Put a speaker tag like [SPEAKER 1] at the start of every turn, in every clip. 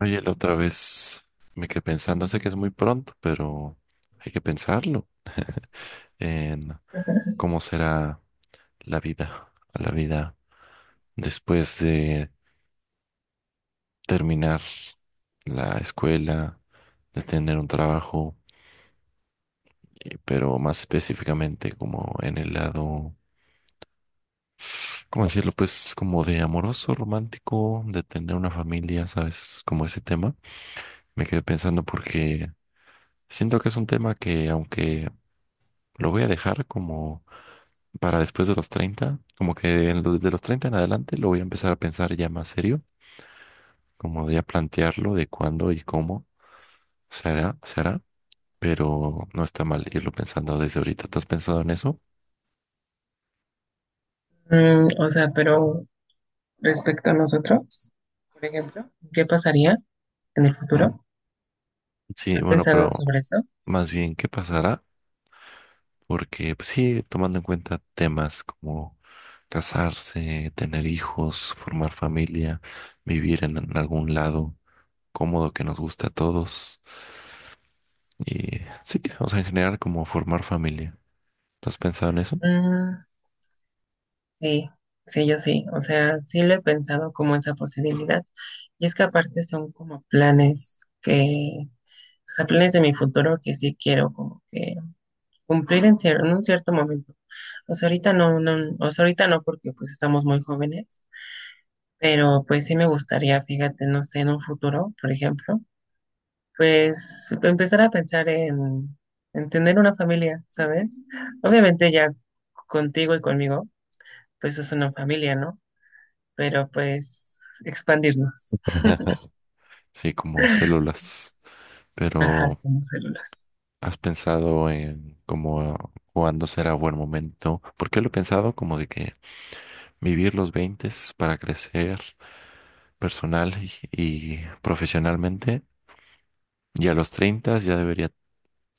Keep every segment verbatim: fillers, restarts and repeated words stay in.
[SPEAKER 1] Oye, la otra vez me quedé pensando, sé que es muy pronto, pero hay que pensarlo en cómo será la vida, la vida después de terminar la escuela, de tener un trabajo, eh, pero más específicamente como en el lado, ¿cómo decirlo? Pues como de amoroso, romántico, de tener una familia, ¿sabes? Como ese tema. Me quedé pensando porque siento que es un tema que aunque lo voy a dejar como para después de los treinta, como que en lo- desde los treinta en adelante lo voy a empezar a pensar ya más serio, como de a plantearlo de cuándo y cómo se hará, se hará, pero no está mal irlo pensando desde ahorita. ¿Tú has pensado en eso?
[SPEAKER 2] Mm, o sea, pero respecto a nosotros, por ejemplo, ¿qué pasaría en el futuro?
[SPEAKER 1] Sí,
[SPEAKER 2] ¿Has
[SPEAKER 1] bueno,
[SPEAKER 2] pensado
[SPEAKER 1] pero
[SPEAKER 2] sobre eso?
[SPEAKER 1] más bien, ¿qué pasará? Porque pues, sí, tomando en cuenta temas como casarse, tener hijos, formar familia, vivir en, en algún lado cómodo que nos guste a todos. Y sí, o sea, en general como formar familia. ¿No has pensado en eso?
[SPEAKER 2] Mm, sí, sí, yo sí. O sea, sí lo he pensado como esa posibilidad. Y es que aparte son como planes que, o sea, planes de mi futuro que sí quiero como que cumplir en, cier- en un cierto momento. O sea, ahorita no, no, o sea, ahorita no porque pues estamos muy jóvenes, pero pues sí me gustaría, fíjate, no sé, en un futuro, por ejemplo. Pues empezar a pensar en, en tener una familia, ¿sabes? Obviamente ya contigo y conmigo, pues es una familia, ¿no? Pero pues expandirnos,
[SPEAKER 1] Sí, como células.
[SPEAKER 2] ajá,
[SPEAKER 1] Pero
[SPEAKER 2] como células.
[SPEAKER 1] ¿has pensado en cómo cuándo será buen momento? Porque lo he pensado como de que vivir los veinte para crecer personal y, y profesionalmente. Y a los treinta ya debería,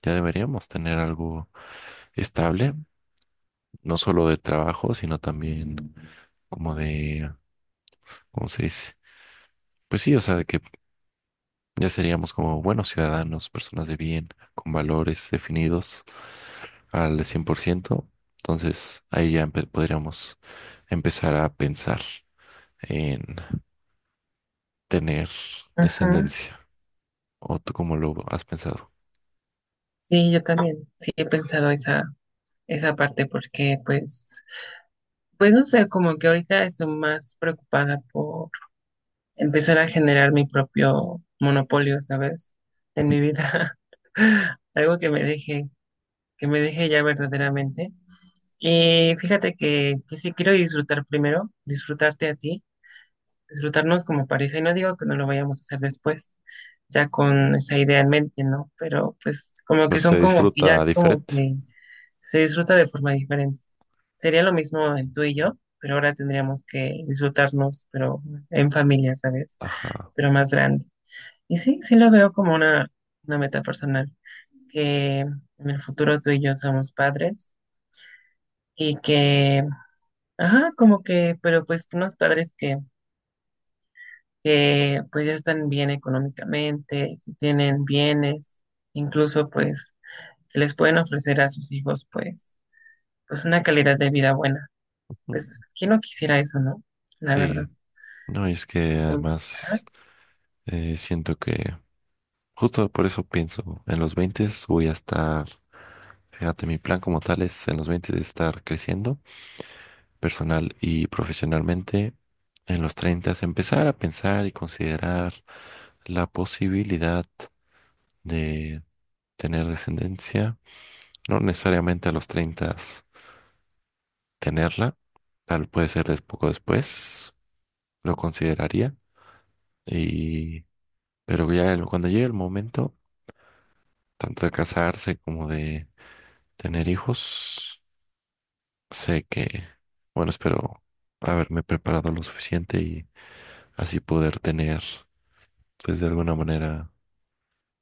[SPEAKER 1] ya deberíamos tener algo estable, no solo de trabajo, sino también como de, ¿cómo se dice? Pues sí, o sea, de que ya seríamos como buenos ciudadanos, personas de bien, con valores definidos al cien por ciento. Entonces ahí ya empe- podríamos empezar a pensar en tener
[SPEAKER 2] Ajá.
[SPEAKER 1] descendencia. ¿O tú cómo lo has pensado?
[SPEAKER 2] Sí, yo también, sí he pensado esa, esa parte porque pues, pues no sé, como que ahorita estoy más preocupada por empezar a generar mi propio monopolio, ¿sabes? En mi vida. Algo que me deje, que me deje ya verdaderamente. Y fíjate que, que sí quiero disfrutar primero, disfrutarte a ti, disfrutarnos como pareja, y no digo que no lo vayamos a hacer después, ya con esa idea en mente, ¿no? Pero pues como que
[SPEAKER 1] Pues
[SPEAKER 2] son
[SPEAKER 1] se
[SPEAKER 2] como que ya
[SPEAKER 1] disfruta
[SPEAKER 2] como
[SPEAKER 1] diferente.
[SPEAKER 2] que se disfruta de forma diferente. Sería lo mismo en tú y yo, pero ahora tendríamos que disfrutarnos, pero en familia, ¿sabes?
[SPEAKER 1] Ajá.
[SPEAKER 2] Pero más grande. Y sí, sí lo veo como una, una meta personal, que en el futuro tú y yo somos padres y que Ajá, como que, pero pues unos padres que, que pues ya están bien económicamente, que tienen bienes, incluso pues que les pueden ofrecer a sus hijos pues, pues una calidad de vida buena. Pues, ¿quién no quisiera eso, no? La verdad.
[SPEAKER 1] Sí. No, y es que
[SPEAKER 2] Entonces, ajá.
[SPEAKER 1] además eh, siento que justo por eso pienso, en los veinte voy a estar, fíjate, mi plan como tal es en los veinte de estar creciendo personal y profesionalmente, en los treinta, empezar a pensar y considerar la posibilidad de tener descendencia, no necesariamente a los treinta tenerla, tal puede ser des- poco después, lo consideraría, y, pero ya el- cuando llegue el momento, tanto de casarse como de tener hijos, sé que, bueno, espero haberme preparado lo suficiente y así poder tener pues de alguna manera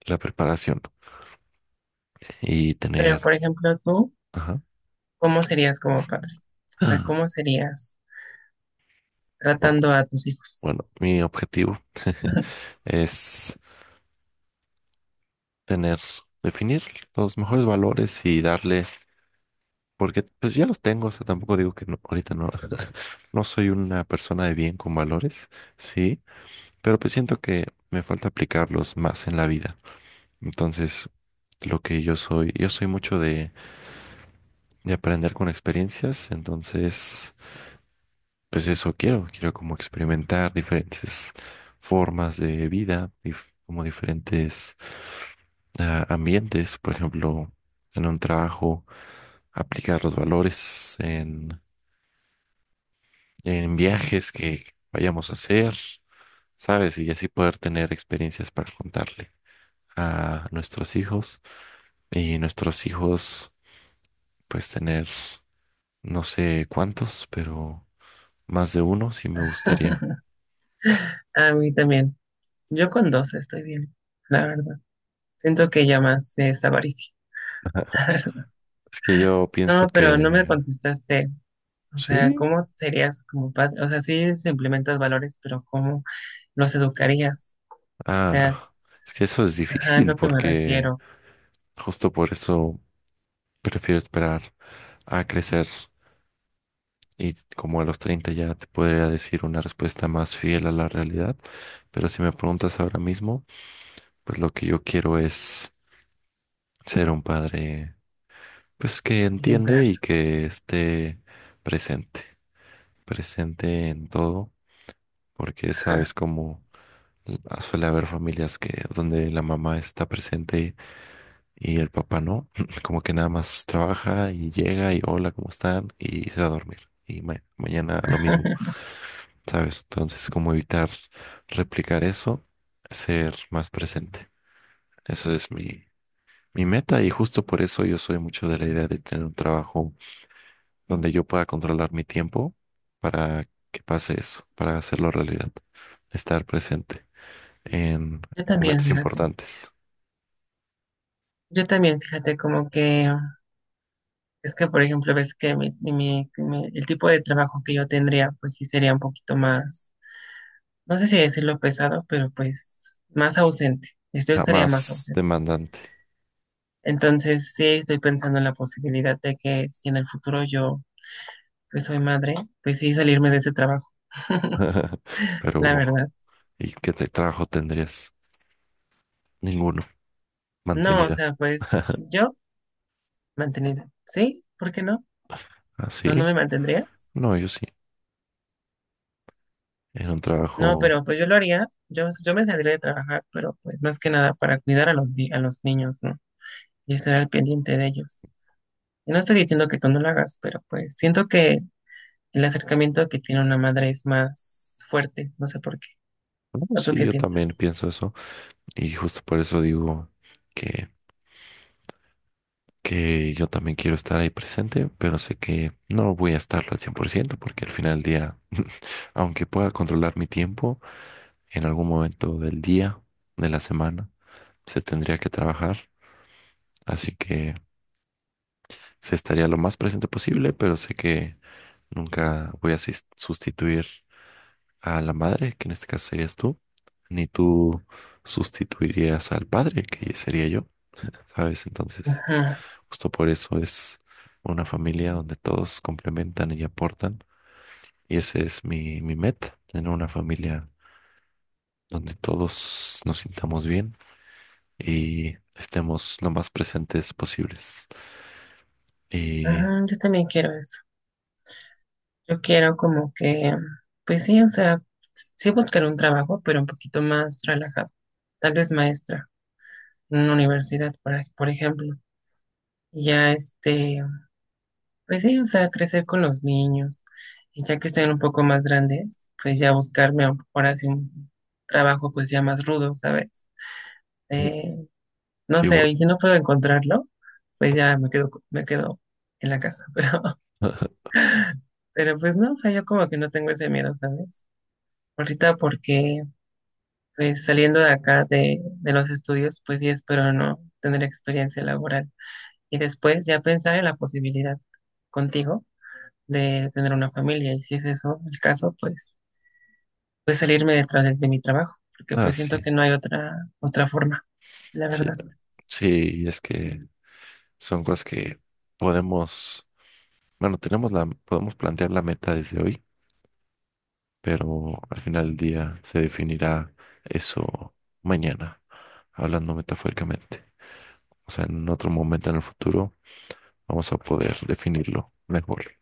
[SPEAKER 1] la preparación y
[SPEAKER 2] Pero
[SPEAKER 1] tener,
[SPEAKER 2] por ejemplo, tú,
[SPEAKER 1] ajá.
[SPEAKER 2] ¿cómo serías como padre? O sea,
[SPEAKER 1] Ah,
[SPEAKER 2] ¿cómo serías
[SPEAKER 1] no,
[SPEAKER 2] tratando a tus hijos?
[SPEAKER 1] bueno, mi objetivo es tener, definir los mejores valores y darle, porque pues ya los tengo, o sea, tampoco digo que no, ahorita no, no soy una persona de bien con valores, sí, pero pues siento que me falta aplicarlos más en la vida. Entonces, lo que yo soy, yo soy mucho de, de aprender con experiencias, entonces pues eso quiero, quiero como experimentar diferentes formas de vida, dif- como diferentes ah, ambientes, por ejemplo, en un trabajo, aplicar los valores en, en viajes que vayamos a hacer, ¿sabes? Y así poder tener experiencias para contarle a nuestros hijos y nuestros hijos, pues tener, no sé cuántos, pero más de uno sí me gustaría.
[SPEAKER 2] A mí también. Yo con dos estoy bien, la verdad. Siento que ya más es avaricia.
[SPEAKER 1] Es que yo pienso
[SPEAKER 2] No, pero no me
[SPEAKER 1] que
[SPEAKER 2] contestaste. O sea,
[SPEAKER 1] ¿sí?
[SPEAKER 2] ¿cómo serías como padre? O sea, sí se implementas valores, pero ¿cómo los educarías? O sea, es-
[SPEAKER 1] Ah, es que eso es
[SPEAKER 2] ajá, es
[SPEAKER 1] difícil
[SPEAKER 2] lo que me
[SPEAKER 1] porque
[SPEAKER 2] refiero.
[SPEAKER 1] justo por eso prefiero esperar a crecer y como a los treinta ya te podría decir una respuesta más fiel a la realidad, pero si me preguntas ahora mismo, pues lo que yo quiero es ser un padre pues que entiende
[SPEAKER 2] Ejemplar.
[SPEAKER 1] y que esté presente, presente en todo, porque
[SPEAKER 2] Ajá.
[SPEAKER 1] sabes cómo suele haber familias que donde la mamá está presente y el papá no, como que nada más trabaja y llega y hola, ¿cómo están? Y se va a dormir. Y ma- mañana lo mismo, ¿sabes? Entonces, como evitar replicar eso, ser más presente. Eso es mi, mi meta y justo por eso yo soy mucho de la idea de tener un trabajo donde yo pueda controlar mi tiempo para que pase eso, para hacerlo realidad, estar presente en
[SPEAKER 2] Yo también,
[SPEAKER 1] momentos
[SPEAKER 2] fíjate.
[SPEAKER 1] importantes,
[SPEAKER 2] Yo también, fíjate, como que es que, por ejemplo, ves que mi, mi- mi- el tipo de trabajo que yo tendría, pues sí sería un poquito más, no sé si decirlo pesado, pero pues más ausente. Yo estaría más
[SPEAKER 1] jamás
[SPEAKER 2] ausente.
[SPEAKER 1] demandante.
[SPEAKER 2] Entonces, sí estoy pensando en la posibilidad de que si en el futuro yo pues soy madre, pues sí salirme de ese trabajo, la
[SPEAKER 1] Pero
[SPEAKER 2] verdad.
[SPEAKER 1] ¿y qué te- trabajo tendrías? Ninguno.
[SPEAKER 2] No, o
[SPEAKER 1] Mantenida.
[SPEAKER 2] sea, pues yo mantenida. ¿Sí? ¿Por qué no? ¿No, no
[SPEAKER 1] ¿Así?
[SPEAKER 2] me mantendrías?
[SPEAKER 1] No, yo sí. En un
[SPEAKER 2] No,
[SPEAKER 1] trabajo.
[SPEAKER 2] pero pues yo lo haría. Yo, yo me saldría de trabajar, pero pues más que nada para cuidar a los, di- a los niños, ¿no? Y estar al pendiente de ellos. Y no estoy diciendo que tú no lo hagas, pero pues siento que el acercamiento que tiene una madre es más fuerte, no sé por qué.
[SPEAKER 1] No,
[SPEAKER 2] ¿O tú
[SPEAKER 1] sí,
[SPEAKER 2] qué
[SPEAKER 1] yo también
[SPEAKER 2] piensas?
[SPEAKER 1] pienso eso. Y justo por eso digo que, que yo también quiero estar ahí presente, pero sé que no voy a estarlo al cien por ciento porque al final del día, aunque pueda controlar mi tiempo, en algún momento del día, de la semana, se tendría que trabajar. Así que se estaría lo más presente posible, pero sé que nunca voy a sis- sustituir a la madre, que en este caso serías tú, ni tú sustituirías al padre, que sería yo, ¿sabes? Entonces,
[SPEAKER 2] Ajá,
[SPEAKER 1] justo por eso es una familia donde todos complementan y aportan. Y ese es mi, mi meta, tener una familia donde todos nos sintamos bien y estemos lo más presentes posibles. Y
[SPEAKER 2] ajá, yo también quiero eso. Yo quiero como que, pues sí, o sea, sí buscar un trabajo, pero un poquito más relajado. Tal vez maestra en una universidad, por, ej- por ejemplo. Y ya este, pues sí, o sea, crecer con los niños. Y ya que estén un poco más grandes, pues ya buscarme a- ahora sí un trabajo pues ya más rudo, ¿sabes? Eh, no
[SPEAKER 1] sí,
[SPEAKER 2] sé,
[SPEAKER 1] bol-
[SPEAKER 2] y si no puedo encontrarlo, pues ya me quedo, co- me quedo en la casa. Pero, pero pues no, o sea, yo como que no tengo ese miedo, ¿sabes? Ahorita porque Pues saliendo de acá de, de los estudios, pues sí espero no tener experiencia laboral. Y después ya pensar en la posibilidad contigo de tener una familia. Y si es eso el caso, pues, pues, salirme detrás de, de mi trabajo, porque
[SPEAKER 1] ah,
[SPEAKER 2] pues siento
[SPEAKER 1] sí,
[SPEAKER 2] que no hay otra, otra forma, la
[SPEAKER 1] sí,
[SPEAKER 2] verdad.
[SPEAKER 1] sí, es que son cosas que podemos bueno, tenemos la, podemos plantear la meta desde hoy, pero al final del día se definirá eso mañana, hablando metafóricamente. O sea, en otro momento en el futuro vamos a poder definirlo mejor.